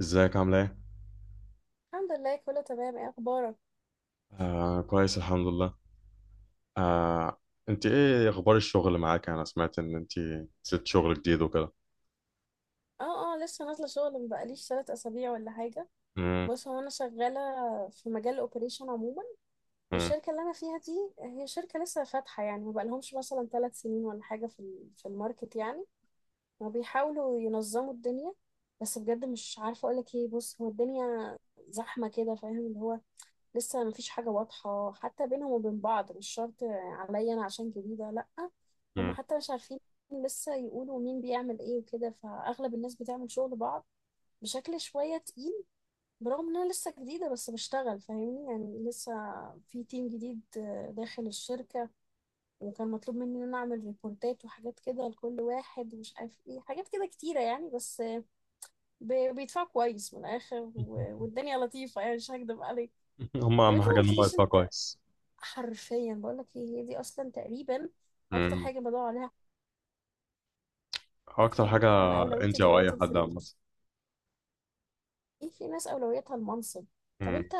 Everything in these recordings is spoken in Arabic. ازيك عامله ايه؟ الحمد لله، كله تمام. ايه اخبارك؟ آه، كويس الحمد لله. آه. انت ايه اخبار الشغل معاك؟ انا سمعت ان انت سبت شغل جديد وكده. اه اه، لسه نازله شغل، مبقاليش 3 اسابيع ولا حاجه. مم، بص، هو انا شغاله في مجال الاوبريشن عموما. مم، والشركه اللي انا فيها دي هي شركه لسه فاتحه، يعني مبقالهمش مثلا 3 سنين ولا حاجه في في الماركت يعني، وبيحاولوا ينظموا الدنيا. بس بجد مش عارفه اقولك ايه. بص، هو الدنيا زحمه كده، فاهم؟ اللي هو لسه مفيش حاجة واضحة حتى بينهم وبين بعض، مش شرط عليا أنا عشان جديدة، لأ. هم مم. حتى مش عارفين لسه، يقولوا مين بيعمل ايه وكده، فأغلب الناس بتعمل شغل بعض بشكل شوية تقيل. برغم إن أنا لسه جديدة بس بشتغل، فاهمني؟ يعني لسه في تيم جديد، داخل الشركة، وكان مطلوب مني إن أنا أعمل ريبورتات وحاجات كده لكل واحد ومش عارف ايه، حاجات كده كتيرة يعني. بس بيدفعوا كويس من الآخر، والدنيا لطيفة يعني، مش هكدب عليك. هم طب اهم انت ما حاجه ان هم قلتليش. يدفعوا كويس. حرفيا بقول لك ايه، هي دي اصلا تقريبا اكتر مم. حاجه بدور عليها في حياتي، اكتر فاهم؟ حاجه. فانا اولويتي انت او اي دلوقتي حد عامه. الفلوس. ايه، في ناس اولويتها المنصب. طب مم. انت،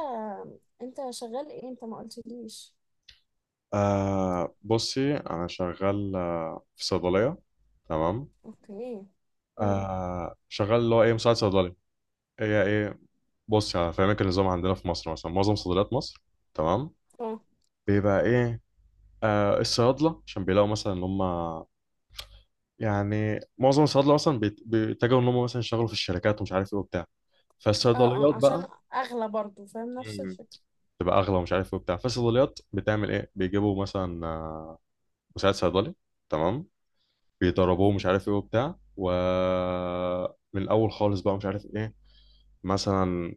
انت شغال ايه؟ انت ما قلتليش. بصي انا شغال في صيدليه. تمام. اوكي. امم. شغال اللي هو ايه مساعد صيدلي. هي ايه؟ بصي هفهمك النظام عندنا في مصر، مثلا معظم صيدليات مصر، تمام، اه بيبقى ايه الصيادله، عشان بيلاقوا مثلا ان هم، يعني معظم الصيادله مثلا بيتجهوا ان هم مثلا يشتغلوا في الشركات، ومش عارف ايه وبتاع، اه اه، فالصيدليات عشان بقى. اغلى برضو، فاهم؟ نفس مم. الفكره. تبقى اغلى ومش عارف ايه وبتاع، فالصيدليات بتعمل ايه، بيجيبوا مثلا مساعد صيدلي. تمام. بيدربوه مش عارف ايه وبتاع، ومن الاول خالص بقى مش عارف ايه، مثلا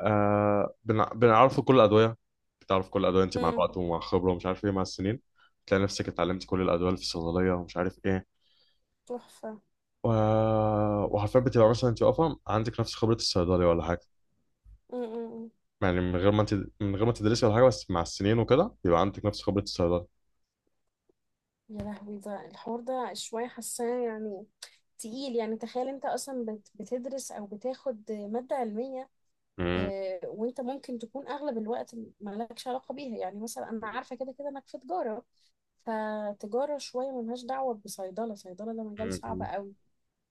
بنعرفه كل الادويه. بتعرف كل الادويه انت مع امم. الوقت ومع الخبره ومش عارف ايه، مع السنين تلاقي نفسك اتعلمت كل الادويه اللي في الصيدليه، ومش عارف ايه. تحفه. و... وحرفيا بتبقى مثلا انت واقفه عندك نفس خبره الصيدلي ولا حاجه. امم. يعني من غير ما انت، من غير ما تدرسي ولا حاجه، بس مع السنين وكده بيبقى عندك نفس خبره الصيدلي. يا لهوي، ده الحوار ده شويه حاساه يعني تقيل. يعني تخيل انت اصلا بتدرس او بتاخد ماده علميه، مم. وانت ممكن تكون اغلب الوقت مالكش علاقه بيها. يعني مثلا انا عارفه كده كده انك في تجاره، فتجاره شويه ملهاش دعوه بصيدله. صيدله ده مجال صعب مم. قوي.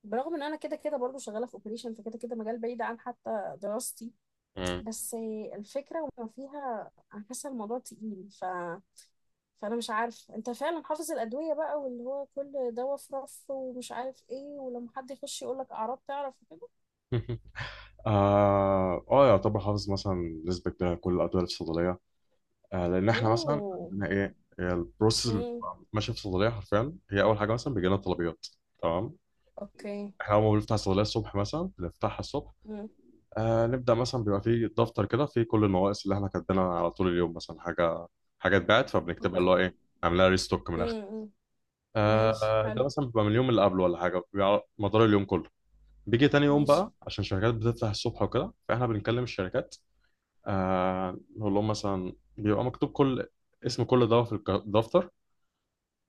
برغم ان انا كده كده برضو شغاله في اوبريشن، فكده كده مجال بعيد عن حتى دراستي. مم. مم. بس الفكره وما فيها، انا حاسه الموضوع تقيل، ف فانا مش عارف. انت فعلا حافظ الادويه بقى، واللي هو كل دواء في رف ومش عارف ايه، ولما حد يخش يقول لك اعراض تعرف كده؟ يعتبر حافظ مثلا نسبه كبيره كل الادويه الصيدليه. لان احنا مثلا اوه. عندنا ايه هي البروسيس اللي امم. بتبقى ماشيه في الصيدليه، حرفيا هي اول حاجه مثلا بيجي لنا طلبيات. تمام. اوكي. احنا اول ما بنفتح الصيدليه الصبح، مثلا بنفتحها الصبح امم. نبدأ مثلا، بيبقى فيه دفتر كده فيه كل النواقص اللي احنا كاتبينها على طول اليوم. مثلا حاجة حاجة اتباعت فبنكتبها، اللي اوكي. هو ايه، عاملها ريستوك من الآخر. امم. ماشي ده حلو. مثلا بيبقى من اليوم اللي قبله ولا حاجة، بيبقى على مدار اليوم كله. بيجي تاني يوم ماشي. بقى، عشان الشركات بتفتح الصبح وكده، فاحنا بنكلم الشركات. نقول لهم مثلا، بيبقى مكتوب كل اسم كل دواء في الدفتر.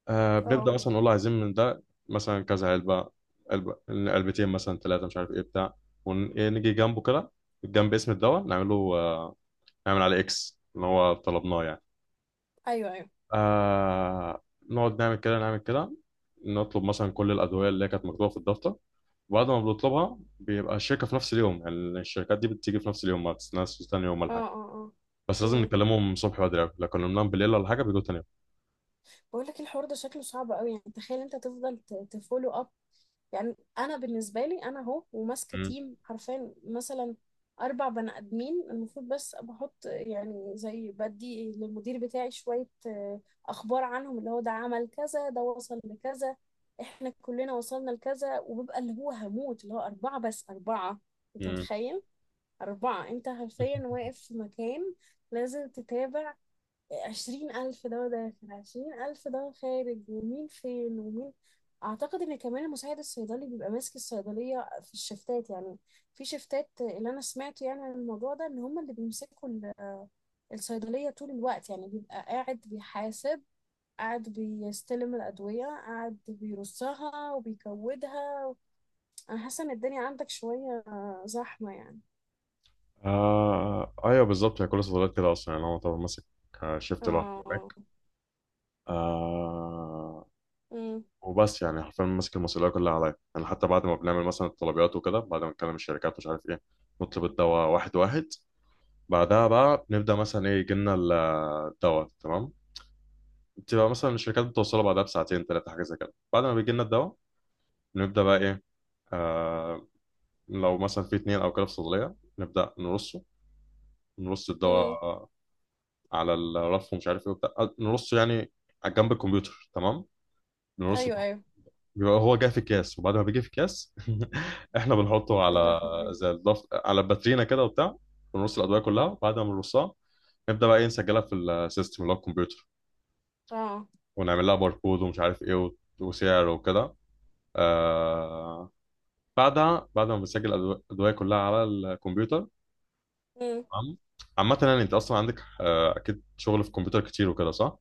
بنبدأ اه. مثلا نقول له عايزين من ده مثلا كذا علبة، علبة علبتين مثلا ثلاثة، مش عارف ايه بتاع. ونيجي جنبه كده، جنب اسم الدواء نعمله، نعمل على اكس اللي هو طلبناه يعني. ايوه ايوه. آه نقعد نعمل كده نعمل كده، نطلب مثلا كل الادويه اللي هي كانت مكتوبه في الدفتر. وبعد ما بنطلبها بيبقى الشركه في نفس اليوم يعني، الشركات دي بتيجي في نفس اليوم، ما بتستناش تاني يوم ولا حاجه. اه اه اه. بس لازم امم. نكلمهم الصبح بدري أوي. لو كلمناهم بالليل ولا حاجه بيجوا تاني يوم. بقول لك، الحوار ده شكله صعب قوي. يعني تخيل انت تفضل تفولو اب، يعني انا بالنسبه لي، انا اهو وماسكه مم. تيم حرفيا مثلا 4 بني ادمين المفروض، بس بحط يعني زي بدي للمدير بتاعي شويه اخبار عنهم، اللي هو ده عمل كذا، ده وصل لكذا، احنا كلنا وصلنا لكذا، وبيبقى اللي هو هموت. اللي هو 4 بس 4، انت مم. متخيل؟ 4، أنت حرفيا واقف في مكان لازم تتابع. 20 ألف ده داخل، 20 ألف ده خارج، ومين فين ومين. أعتقد إن كمان المساعد الصيدلي بيبقى ماسك الصيدلية في الشفتات يعني، في شفتات اللي أنا سمعته يعني عن الموضوع ده، إن هما اللي بيمسكوا الصيدلية طول الوقت يعني. بيبقى قاعد بيحاسب، قاعد بيستلم الأدوية، قاعد بيرصها وبيكودها. أنا حاسة إن الدنيا عندك شوية زحمة يعني. ايوه بالظبط، هي كل الصيدليات كده اصلا، يعني هو طبعا ماسك شيفت لوحده اه. هناك. آه وبس، يعني حرفيا ماسك المسؤوليه كلها عليا، يعني حتى بعد ما بنعمل مثلا الطلبيات وكده، بعد ما نكلم الشركات مش عارف ايه، نطلب الدواء واحد واحد. بعدها بقى نبدا مثلا ايه، يجي لنا الدواء. تمام. بتبقى مثلا الشركات بتوصله بعدها بساعتين ثلاثه حاجه زي كده. بعد ما بيجي لنا الدواء نبدا بقى ايه، آه لو مثلا في اتنين او كده في صيدليه نبدا نرصه، نرص امم. الدواء على الرف ومش عارف ايه وبتاع، نرصه يعني على جنب الكمبيوتر. تمام، نرصه. ايوه ايوه. بيبقى هو جاي في الكاس، وبعد ما بيجي في الكاس احنا بنحطه يا على، لهوي. على باترينا كده وبتاع، ونرص الادويه كلها. وبعد ما بنرصها نبدا بقى ايه، نسجلها في السيستم اللي هو الكمبيوتر، اه. ونعمل لها باركود ومش عارف ايه وسعر وكده. آه... بعدها، بعد ما بنسجل الادويه كلها على الكمبيوتر، امم. تمام. عامة يعني انت اصلا عندك اكيد شغل في الكمبيوتر كتير وكده، صح؟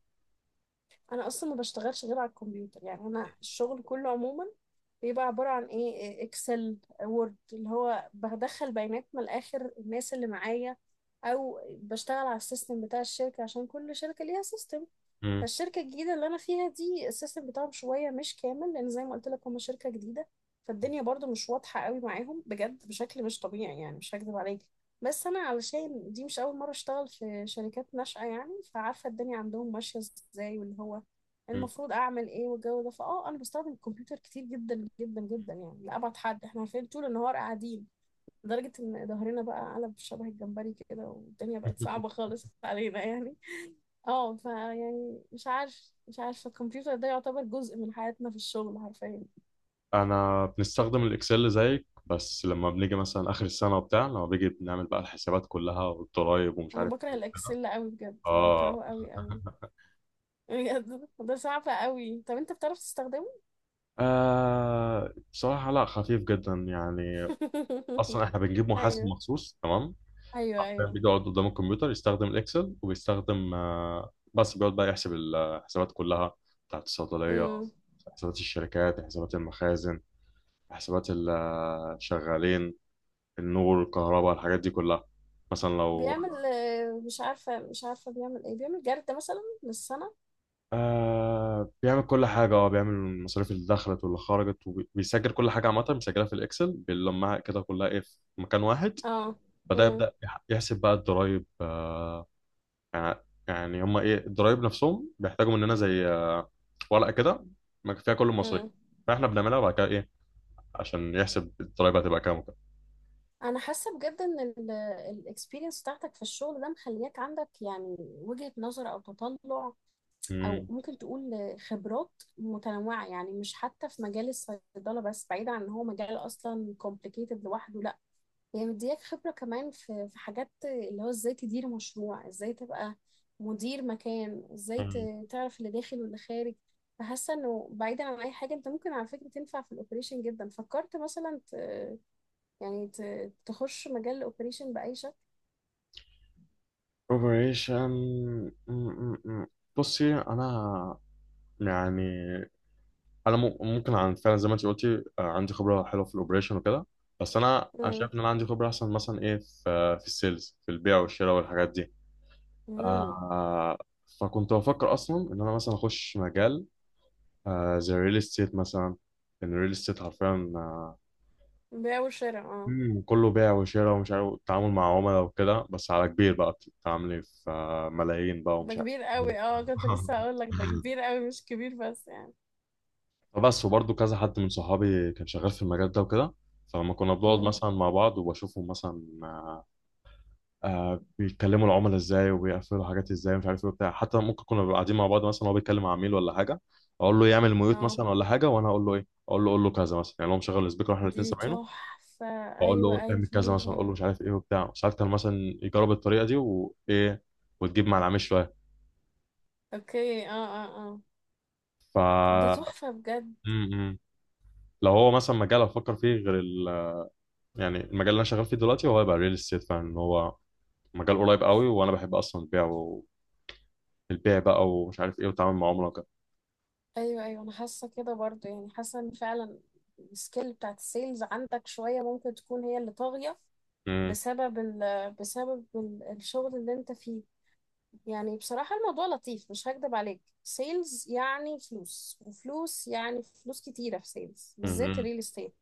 انا اصلا ما بشتغلش غير على الكمبيوتر. يعني انا الشغل كله عموما بيبقى عباره عن ايه، اكسل، وورد، اللي هو بدخل بيانات من الاخر الناس اللي معايا، او بشتغل على السيستم بتاع الشركه، عشان كل شركه ليها سيستم. مم. فالشركة الجديدة اللي أنا فيها دي، السيستم بتاعهم شوية مش كامل، لأن زي ما قلت لك هما شركة جديدة. فالدنيا برضو مش واضحة قوي معاهم، بجد بشكل مش طبيعي يعني، مش هكذب عليك. بس أنا علشان دي مش أول مرة أشتغل في شركات ناشئة يعني، فعارفة الدنيا عندهم ماشية إزاي، واللي هو مم. المفروض أعمل إيه، والجو ده. فأه أنا بستخدم الكمبيوتر كتير جدا جدا جدا يعني، لأبعد حد. إحنا عارفين طول النهار قاعدين لدرجة إن ظهرنا بقى قلب شبه الجمبري كده، والدنيا بقت صعبة خالص علينا يعني. اه، ف يعني مش عارف الكمبيوتر ده يعتبر جزء من حياتنا في الشغل حرفيا. انا بنستخدم الاكسل زيك، بس لما بنيجي مثلا اخر السنه وبتاع، لما بيجي بنعمل بقى الحسابات كلها والضرايب ومش انا عارف بكره ايه وكده. الاكسل قوي، بجد اه. بكرهه قوي قوي. بجد، ده صعب قوي. طب انت بتعرف تستخدمه؟ بصراحة لا، خفيف جدا يعني. أصلا إحنا بنجيب محاسب ايوه. مخصوص. تمام، ايوه حرفيا ايوه. بيقعد قدام الكمبيوتر يستخدم الإكسل، وبيستخدم بس بيقعد بقى يحسب الحسابات كلها بتاعت الصيدلية، امم. حسابات الشركات، حسابات المخازن، حسابات الشغالين، النور، الكهرباء، الحاجات دي كلها. مثلا لو بيعمل مش عارفه بيعمل ايه، بيعمل جرد مثلا للسنه. بيعمل كل حاجة، بيعمل المصاريف اللي دخلت واللي خرجت، وبيسجل كل حاجة عامة، بيسجلها في الإكسل، بيلمها كده كلها إيه في مكان واحد. اه. بعدها امم. يبدأ يحسب بقى الضرايب يعني، يعني هما إيه الضرايب نفسهم بيحتاجوا مننا زي ورقة كده ما فيها كل المصاريف، امم. فإحنا بنعملها بعد كده إيه عشان يحسب الضرايب هتبقى كام وكده. انا حاسه بجد ان الاكسبيرينس بتاعتك في الشغل ده مخلياك عندك يعني وجهة نظر، او تطلع، او مم. ممكن تقول خبرات متنوعه. يعني مش حتى في مجال الصيدله بس، بعيد عن ان هو مجال اصلا complicated لوحده، لا، هي يعني مدياك خبره كمان في في حاجات اللي هو ازاي تدير مشروع، ازاي تبقى مدير مكان، ازاي مم. تعرف اللي داخل واللي خارج. فحاسه انه بعيدا عن اي حاجه، انت ممكن على فكره تنفع في الاوبريشن جدا. فكرت مثلا يعني تخش مجال الاوبريشن باي شكل؟ أوبريشن. مم، مم، مم. بصي أنا، يعني انا ممكن عن فعلا زي ما انت قلتي، عندي خبره حلوه في الاوبريشن وكده. بس انا امم. شايف ان انا عندي خبره احسن مثلا ايه في السيلز، في البيع والشراء والحاجات دي. امم. آه فكنت بفكر اصلا ان انا مثلا اخش مجال، زي الريل استيت مثلا، ان الريل استيت حرفيا. آه، بيع وشراء، اه. مم، كله بيع وشراء ومش عارف، التعامل مع عملاء وكده، بس على كبير بقى بتتعاملي في ملايين بقى ده ومش عارف. كبير قوي، اه. كنت لسه هقول لك ده كبير قوي، مش كبير بس يعني. فبس، وبرضه كذا حد من صحابي كان شغال في المجال ده وكده، فلما كنا بنقعد مم. مثلا مع بعض وبشوفهم مثلا بيتكلموا العملاء ازاي وبيقفلوا حاجات ازاي مش عارف ايه وبتاع. حتى ممكن كنا بنبقى قاعدين مع بعض، مثلا هو بيتكلم مع عميل ولا حاجه، اقول له يعمل ميوت اه. مثلا ولا حاجه، وانا اقول له ايه، اقول له كذا مثلا، يعني هو مشغل السبيكر واحنا الاثنين دي سامعينه، تحفة. واقول ايوه له ايوه اعمل كذا مثلا، فهمتك. اقول له مش عارف ايه وبتاع. ساعات كان مثلا يجرب الطريقه دي، وايه، وتجيب مع العميل شويه. اوكي. اه. اه. اه. ف طب ده م- تحفة بجد. م. لو هو مثلا مجال افكر فيه غير، يعني المجال اللي انا شغال فيه دلوقتي، هو هيبقى ريل استيت فعلا، إن هو مجال قريب قوي وانا بحب اصلا البيع، والبيع بقى ومش عارف ايه، والتعامل مع عملاء وكده. ايوه ايوه، انا حاسة كده برضو، يعني حاسة ان فعلا السكيل بتاعت السيلز عندك شوية ممكن تكون هي اللي طاغية مم، بسبب ال بسبب الشغل اللي انت فيه. يعني بصراحة الموضوع لطيف، مش هكدب عليك. سيلز يعني فلوس وفلوس، يعني فلوس كتيرة في سيلز بالذات مم، الريل استيت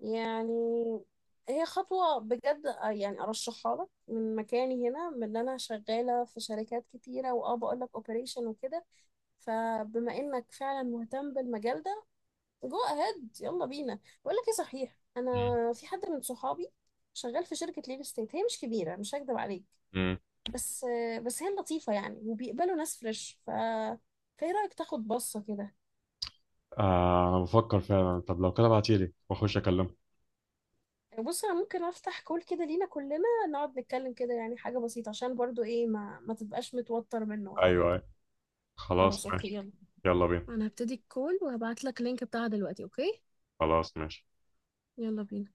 يعني. هي خطوة بجد، يعني أرشحها لك من مكاني هنا، من اللي أنا شغالة في شركات كتيرة، وأه بقول لك أوبريشن وكده. فبما إنك فعلا مهتم بالمجال ده، جو أهيد يلا بينا. بقول لك إيه، صحيح أنا مم، في حد من صحابي شغال في شركة ليل ستيت، هي مش كبيرة مش هكدب عليك، مم. بس هي لطيفة يعني، وبيقبلوا ناس فريش. ف فإيه رأيك تاخد بصة كده؟ انا بفكر فعلا. طب لو كده ابعتيلي واخش اكلمه. بص، انا ممكن افتح كول كده لينا كلنا، نقعد نتكلم كده، يعني حاجة بسيطة، عشان برضو ايه، ما تبقاش متوتر منه ولا ايوه، حاجة. أيوة. خلاص خلاص اوكي ماشي. يلا. يلا بينا. انا هبتدي الكول وهبعت لك اللينك بتاعها دلوقتي، اوكي؟ خلاص ماشي. يلا بينا.